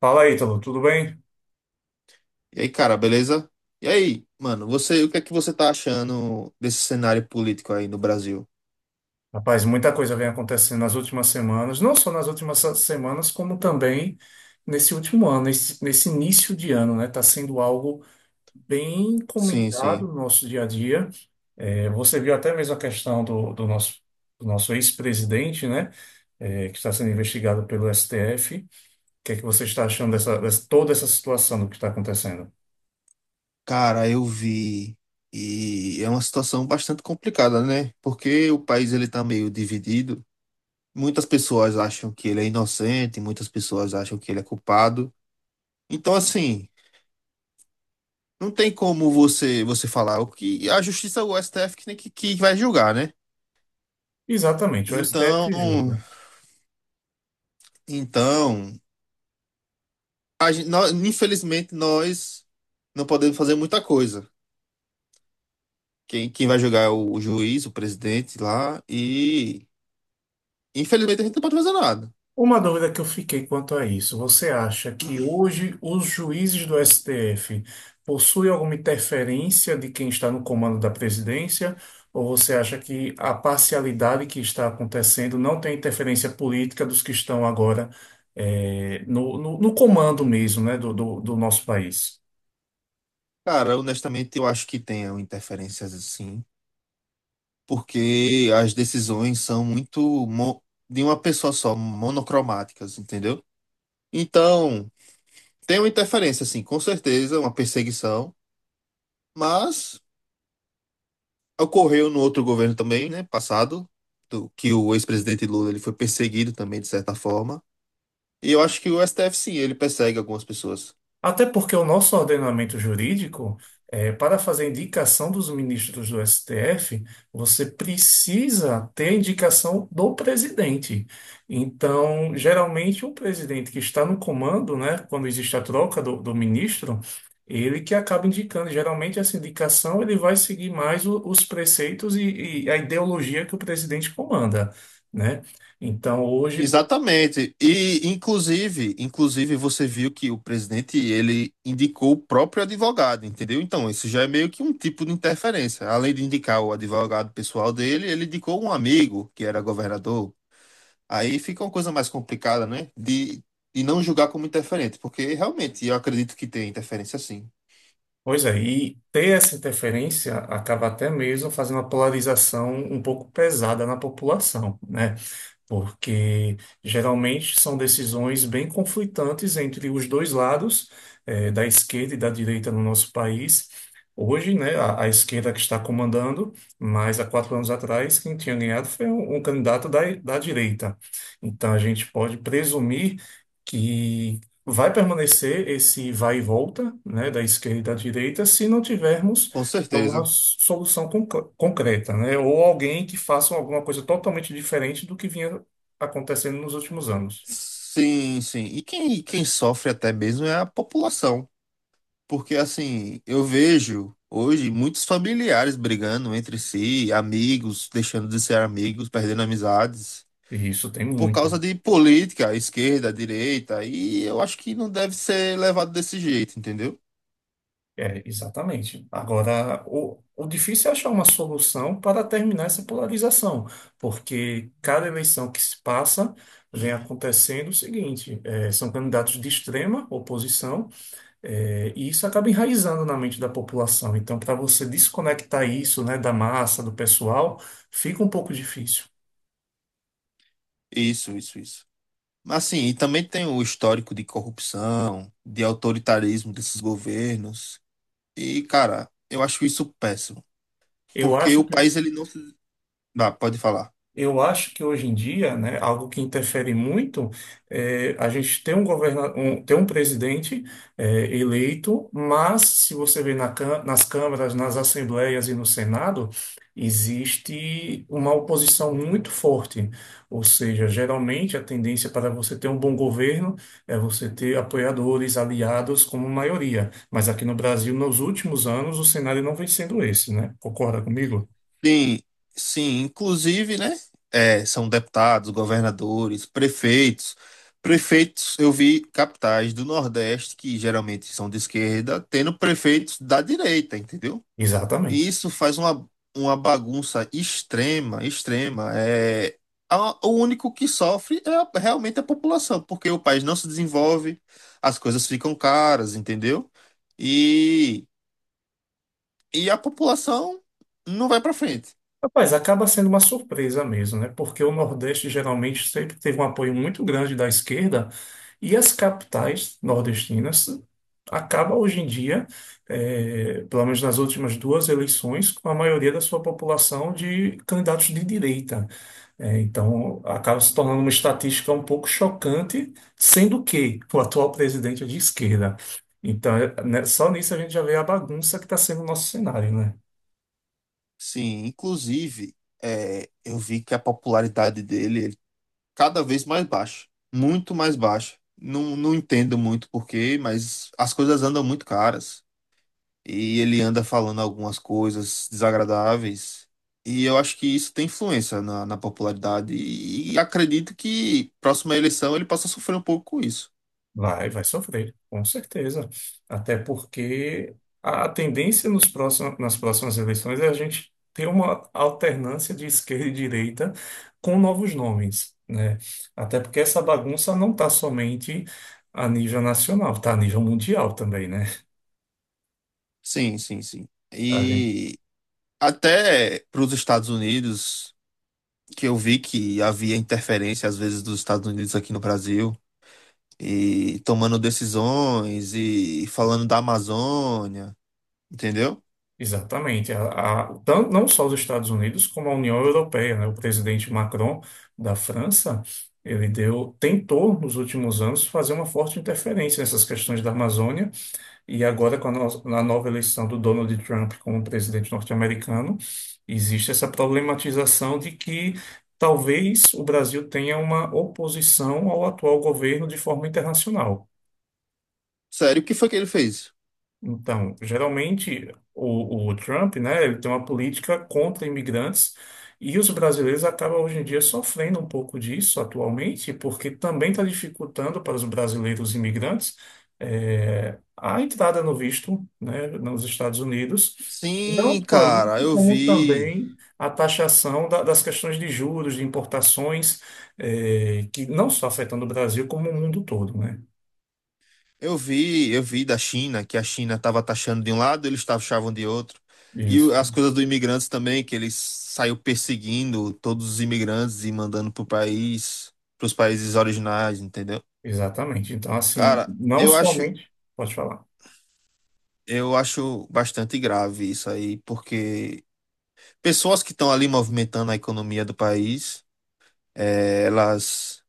Fala, Ítalo, tudo bem? E aí, cara, beleza? E aí, mano, você, o que é que você tá achando desse cenário político aí no Brasil? Rapaz, muita coisa vem acontecendo nas últimas semanas, não só nas últimas se- semanas, como também nesse último ano, nesse início de ano, né? Está sendo algo bem Sim, comentado sim. no nosso dia a dia. É, você viu até mesmo a questão do nosso ex-presidente, né? É, que está sendo investigado pelo STF. O que é que você está achando toda essa situação do que está acontecendo? Cara, eu vi. E é uma situação bastante complicada, né? Porque o país ele tá meio dividido. Muitas pessoas acham que ele é inocente, muitas pessoas acham que ele é culpado. Então, assim, não tem como você falar o que a justiça, o STF tem que vai julgar, né? Exatamente, o Então, STF julga. então, infelizmente, nós não podemos fazer muita coisa. Quem vai julgar é o juiz, o presidente lá, e infelizmente a gente não pode fazer nada. Uma dúvida que eu fiquei quanto a isso, você acha que hoje os juízes do STF possuem alguma interferência de quem está no comando da presidência? Ou você acha que a parcialidade que está acontecendo não tem interferência política dos que estão agora no comando mesmo, né, do nosso país? Cara, honestamente, eu acho que tem interferências assim, porque as decisões são muito mo- de uma pessoa só, monocromáticas, entendeu? Então, tem uma interferência, assim, com certeza, uma perseguição, mas ocorreu no outro governo também, né, passado, que o ex-presidente Lula ele foi perseguido também, de certa forma. E eu acho que o STF sim, ele persegue algumas pessoas. Até porque o nosso ordenamento jurídico, para fazer indicação dos ministros do STF, você precisa ter a indicação do presidente. Então, geralmente, o presidente que está no comando, né, quando existe a troca do ministro, ele que acaba indicando. Geralmente, essa indicação ele vai seguir mais os preceitos e a ideologia que o presidente comanda, né? Então, hoje. Exatamente. E inclusive, você viu que o presidente ele indicou o próprio advogado, entendeu? Então, isso já é meio que um tipo de interferência. Além de indicar o advogado pessoal dele, ele indicou um amigo que era governador. Aí fica uma coisa mais complicada, né? De e não julgar como interferente, porque realmente eu acredito que tem interferência sim. Pois é, e ter essa interferência acaba até mesmo fazendo uma polarização um pouco pesada na população, né? Porque geralmente são decisões bem conflitantes entre os dois lados, da esquerda e da direita no nosso país. Hoje, né, a esquerda que está comandando, mas há quatro anos atrás, quem tinha ganhado foi um candidato da direita. Então, a gente pode presumir que vai permanecer esse vai e volta, né, da esquerda e da direita, se não tivermos Com alguma certeza. Concreta, né? Ou alguém que faça alguma coisa totalmente diferente do que vinha acontecendo nos últimos anos. Sim, sim. E quem sofre até mesmo é a população. Porque assim, eu vejo hoje muitos familiares brigando entre si, amigos deixando de ser amigos, perdendo amizades, E isso tem por muito. causa de política, esquerda, direita, e eu acho que não deve ser levado desse jeito, entendeu? É, exatamente. Agora, o difícil é achar uma solução para terminar essa polarização, porque cada eleição que se passa vem acontecendo o seguinte: é, são candidatos de extrema oposição, é, e isso acaba enraizando na mente da população. Então, para você desconectar isso, né, da massa, do pessoal, fica um pouco difícil. Isso, isso, isso. Mas assim, e também tem o histórico de corrupção, de autoritarismo desses governos. E, cara, eu acho isso péssimo, Eu porque acho o que país ele não se... Ah, pode falar. Eu acho que hoje em dia, né, algo que interfere muito é a gente tem um presidente é, eleito, mas se você vê nas câmaras, nas assembleias e no Senado, existe uma oposição muito forte. Ou seja, geralmente a tendência para você ter um bom governo é você ter apoiadores, aliados como maioria. Mas aqui no Brasil, nos últimos anos, o cenário não vem sendo esse, né? Concorda comigo? Sim, sim, inclusive, né? É, são deputados, governadores, prefeitos. Prefeitos, eu vi capitais do Nordeste, que geralmente são de esquerda, tendo prefeitos da direita, entendeu? E Exatamente. isso faz uma bagunça extrema, extrema. É, o único que sofre é realmente a população, porque o país não se desenvolve, as coisas ficam caras, entendeu? E, e a população não vai para frente. Rapaz, acaba sendo uma surpresa mesmo, né? Porque o Nordeste geralmente sempre teve um apoio muito grande da esquerda e as capitais nordestinas acabam hoje em dia, pelo menos nas últimas duas eleições, com a maioria da sua população de candidatos de direita. Eh, então, acaba se tornando uma estatística um pouco chocante, sendo que o atual presidente é de esquerda. Então, né, só nisso a gente já vê a bagunça que está sendo o nosso cenário, né? Sim, inclusive, é, eu vi que a popularidade dele, cada vez mais baixa, muito mais baixa. Não entendo muito porquê, mas as coisas andam muito caras. E ele anda falando algumas coisas desagradáveis. E eu acho que isso tem influência na popularidade. E acredito que próxima eleição ele possa sofrer um pouco com isso. Vai sofrer, com certeza. Até porque a tendência nas próximas eleições é a gente ter uma alternância de esquerda e direita com novos nomes, né? Até porque essa bagunça não está somente a nível nacional, está a nível mundial também, né? Sim, sim, sim. E até para os Estados Unidos. Que eu vi que havia interferência às vezes dos Estados Unidos aqui no Brasil e tomando decisões e falando da Amazônia, entendeu? Exatamente. Não só os Estados Unidos, como a União Europeia, né? O presidente Macron da França, ele deu, tentou nos últimos anos fazer uma forte interferência nessas questões da Amazônia, e agora com a, no- na nova eleição do Donald Trump como presidente norte-americano, existe essa problematização de que talvez o Brasil tenha uma oposição ao atual governo de forma internacional. Sério, o que foi que ele fez? Então, geralmente o Trump, né, ele tem uma política contra imigrantes e os brasileiros acabam hoje em dia sofrendo um pouco disso atualmente, porque também está dificultando para os brasileiros imigrantes a entrada no visto, né, nos Estados Unidos. Não Sim, só isso, cara, como também a taxação das questões de juros, de importações, que não só afetando o Brasil, como o mundo todo, né? Eu vi da China que a China estava taxando de um lado, eles taxavam de outro. E Isso. as coisas dos imigrantes também, que eles saiu perseguindo todos os imigrantes e mandando pro país, pros países originais, entendeu? Exatamente. Então, assim, Cara, não eu acho somente. Pode falar. Eu acho bastante grave isso aí, porque pessoas que estão ali movimentando a economia do país, eh, elas,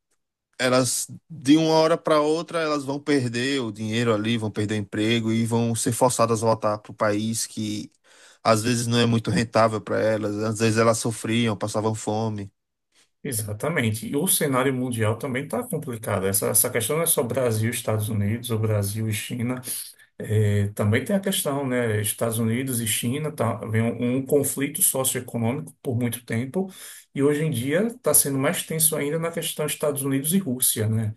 elas de uma hora para outra elas vão perder o dinheiro ali, vão perder o emprego e vão ser forçadas a voltar para o país que às vezes não é muito rentável para elas, às vezes elas sofriam, passavam fome. Exatamente. E o cenário mundial também está complicado. Essa questão não é só Brasil, Estados Unidos, ou Brasil e China. É, também tem a questão, né? Estados Unidos e China, tá, vem um conflito socioeconômico por muito tempo. E hoje em dia está sendo mais tenso ainda na questão Estados Unidos e Rússia, né?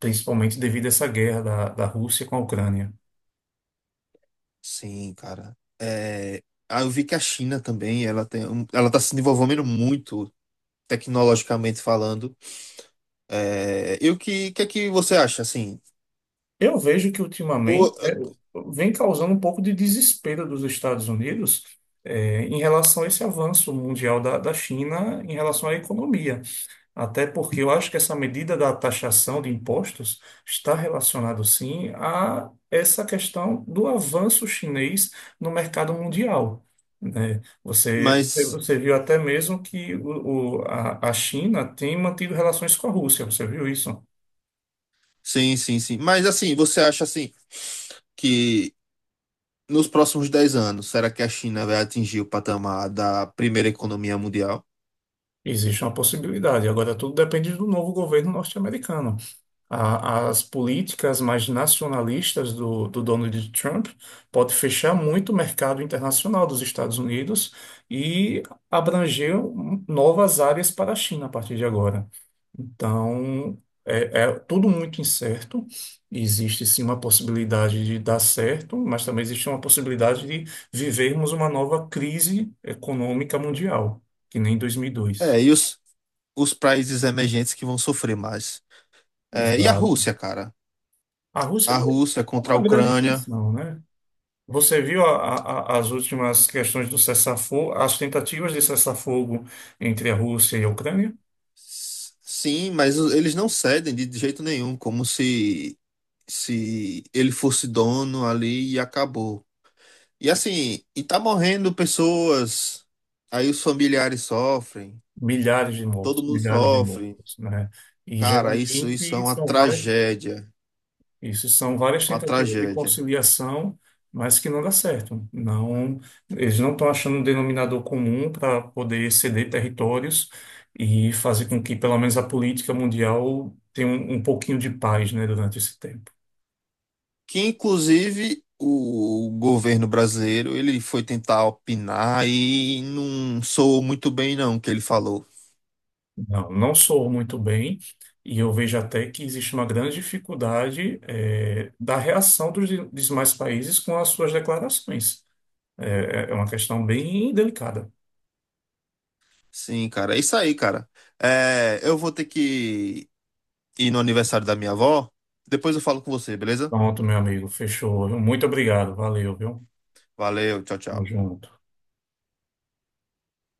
Principalmente devido a essa guerra da Rússia com a Ucrânia. Sim, cara. Eu vi que a China também, ela está se desenvolvendo muito tecnologicamente falando. É, e que é que você acha, assim? Eu vejo que Ou, ultimamente né, vem causando um pouco de desespero dos Estados Unidos em relação a esse avanço mundial da China em relação à economia. Até porque eu acho que essa medida da taxação de impostos está relacionado sim a essa questão do avanço chinês no mercado mundial. Né? Você, mas, você viu até mesmo que a China tem mantido relações com a Rússia, você viu isso? sim, sim, sim. Mas, assim, você acha, assim, que nos próximos 10 anos, será que a China vai atingir o patamar da primeira economia mundial? Existe uma possibilidade. Agora, tudo depende do novo governo norte-americano. As políticas mais nacionalistas do Donald Trump pode fechar muito o mercado internacional dos Estados Unidos e abranger novas áreas para a China a partir de agora. Então, é, é tudo muito incerto. Existe sim uma possibilidade de dar certo, mas também existe uma possibilidade de vivermos uma nova crise econômica mundial, que nem 2002. É, e os países emergentes que vão sofrer mais? É, e a Exato. Rússia, cara? A Rússia A não é Rússia contra a uma grande Ucrânia. tensão, né? Você viu as últimas questões do cessar-fogo, as tentativas de cessar-fogo entre a Rússia e a Ucrânia? Sim, mas eles não cedem de jeito nenhum, como se ele fosse dono ali e acabou. E assim, e tá morrendo pessoas, aí os familiares sofrem, todo mundo Milhares de sofre. mortos, né? E Cara, isso é geralmente uma são vários. tragédia, Isso são várias uma tentativas de tragédia. conciliação, mas que não dá certo. Não, eles não estão achando um denominador comum para poder ceder territórios e fazer com que, pelo menos, a política mundial tenha um pouquinho de paz, né, durante esse tempo. Que inclusive o governo brasileiro, ele foi tentar opinar e não soou muito bem não o que ele falou. Não, não soou muito bem, e eu vejo até que existe uma grande dificuldade, da reação dos demais países com as suas declarações. É, é uma questão bem delicada. Sim, cara, é isso aí, cara. É, eu vou ter que ir no aniversário da minha avó, depois eu falo com você, beleza? Pronto, meu amigo, fechou. Muito obrigado, valeu, viu? Valeu, tchau, Tamo tchau. junto.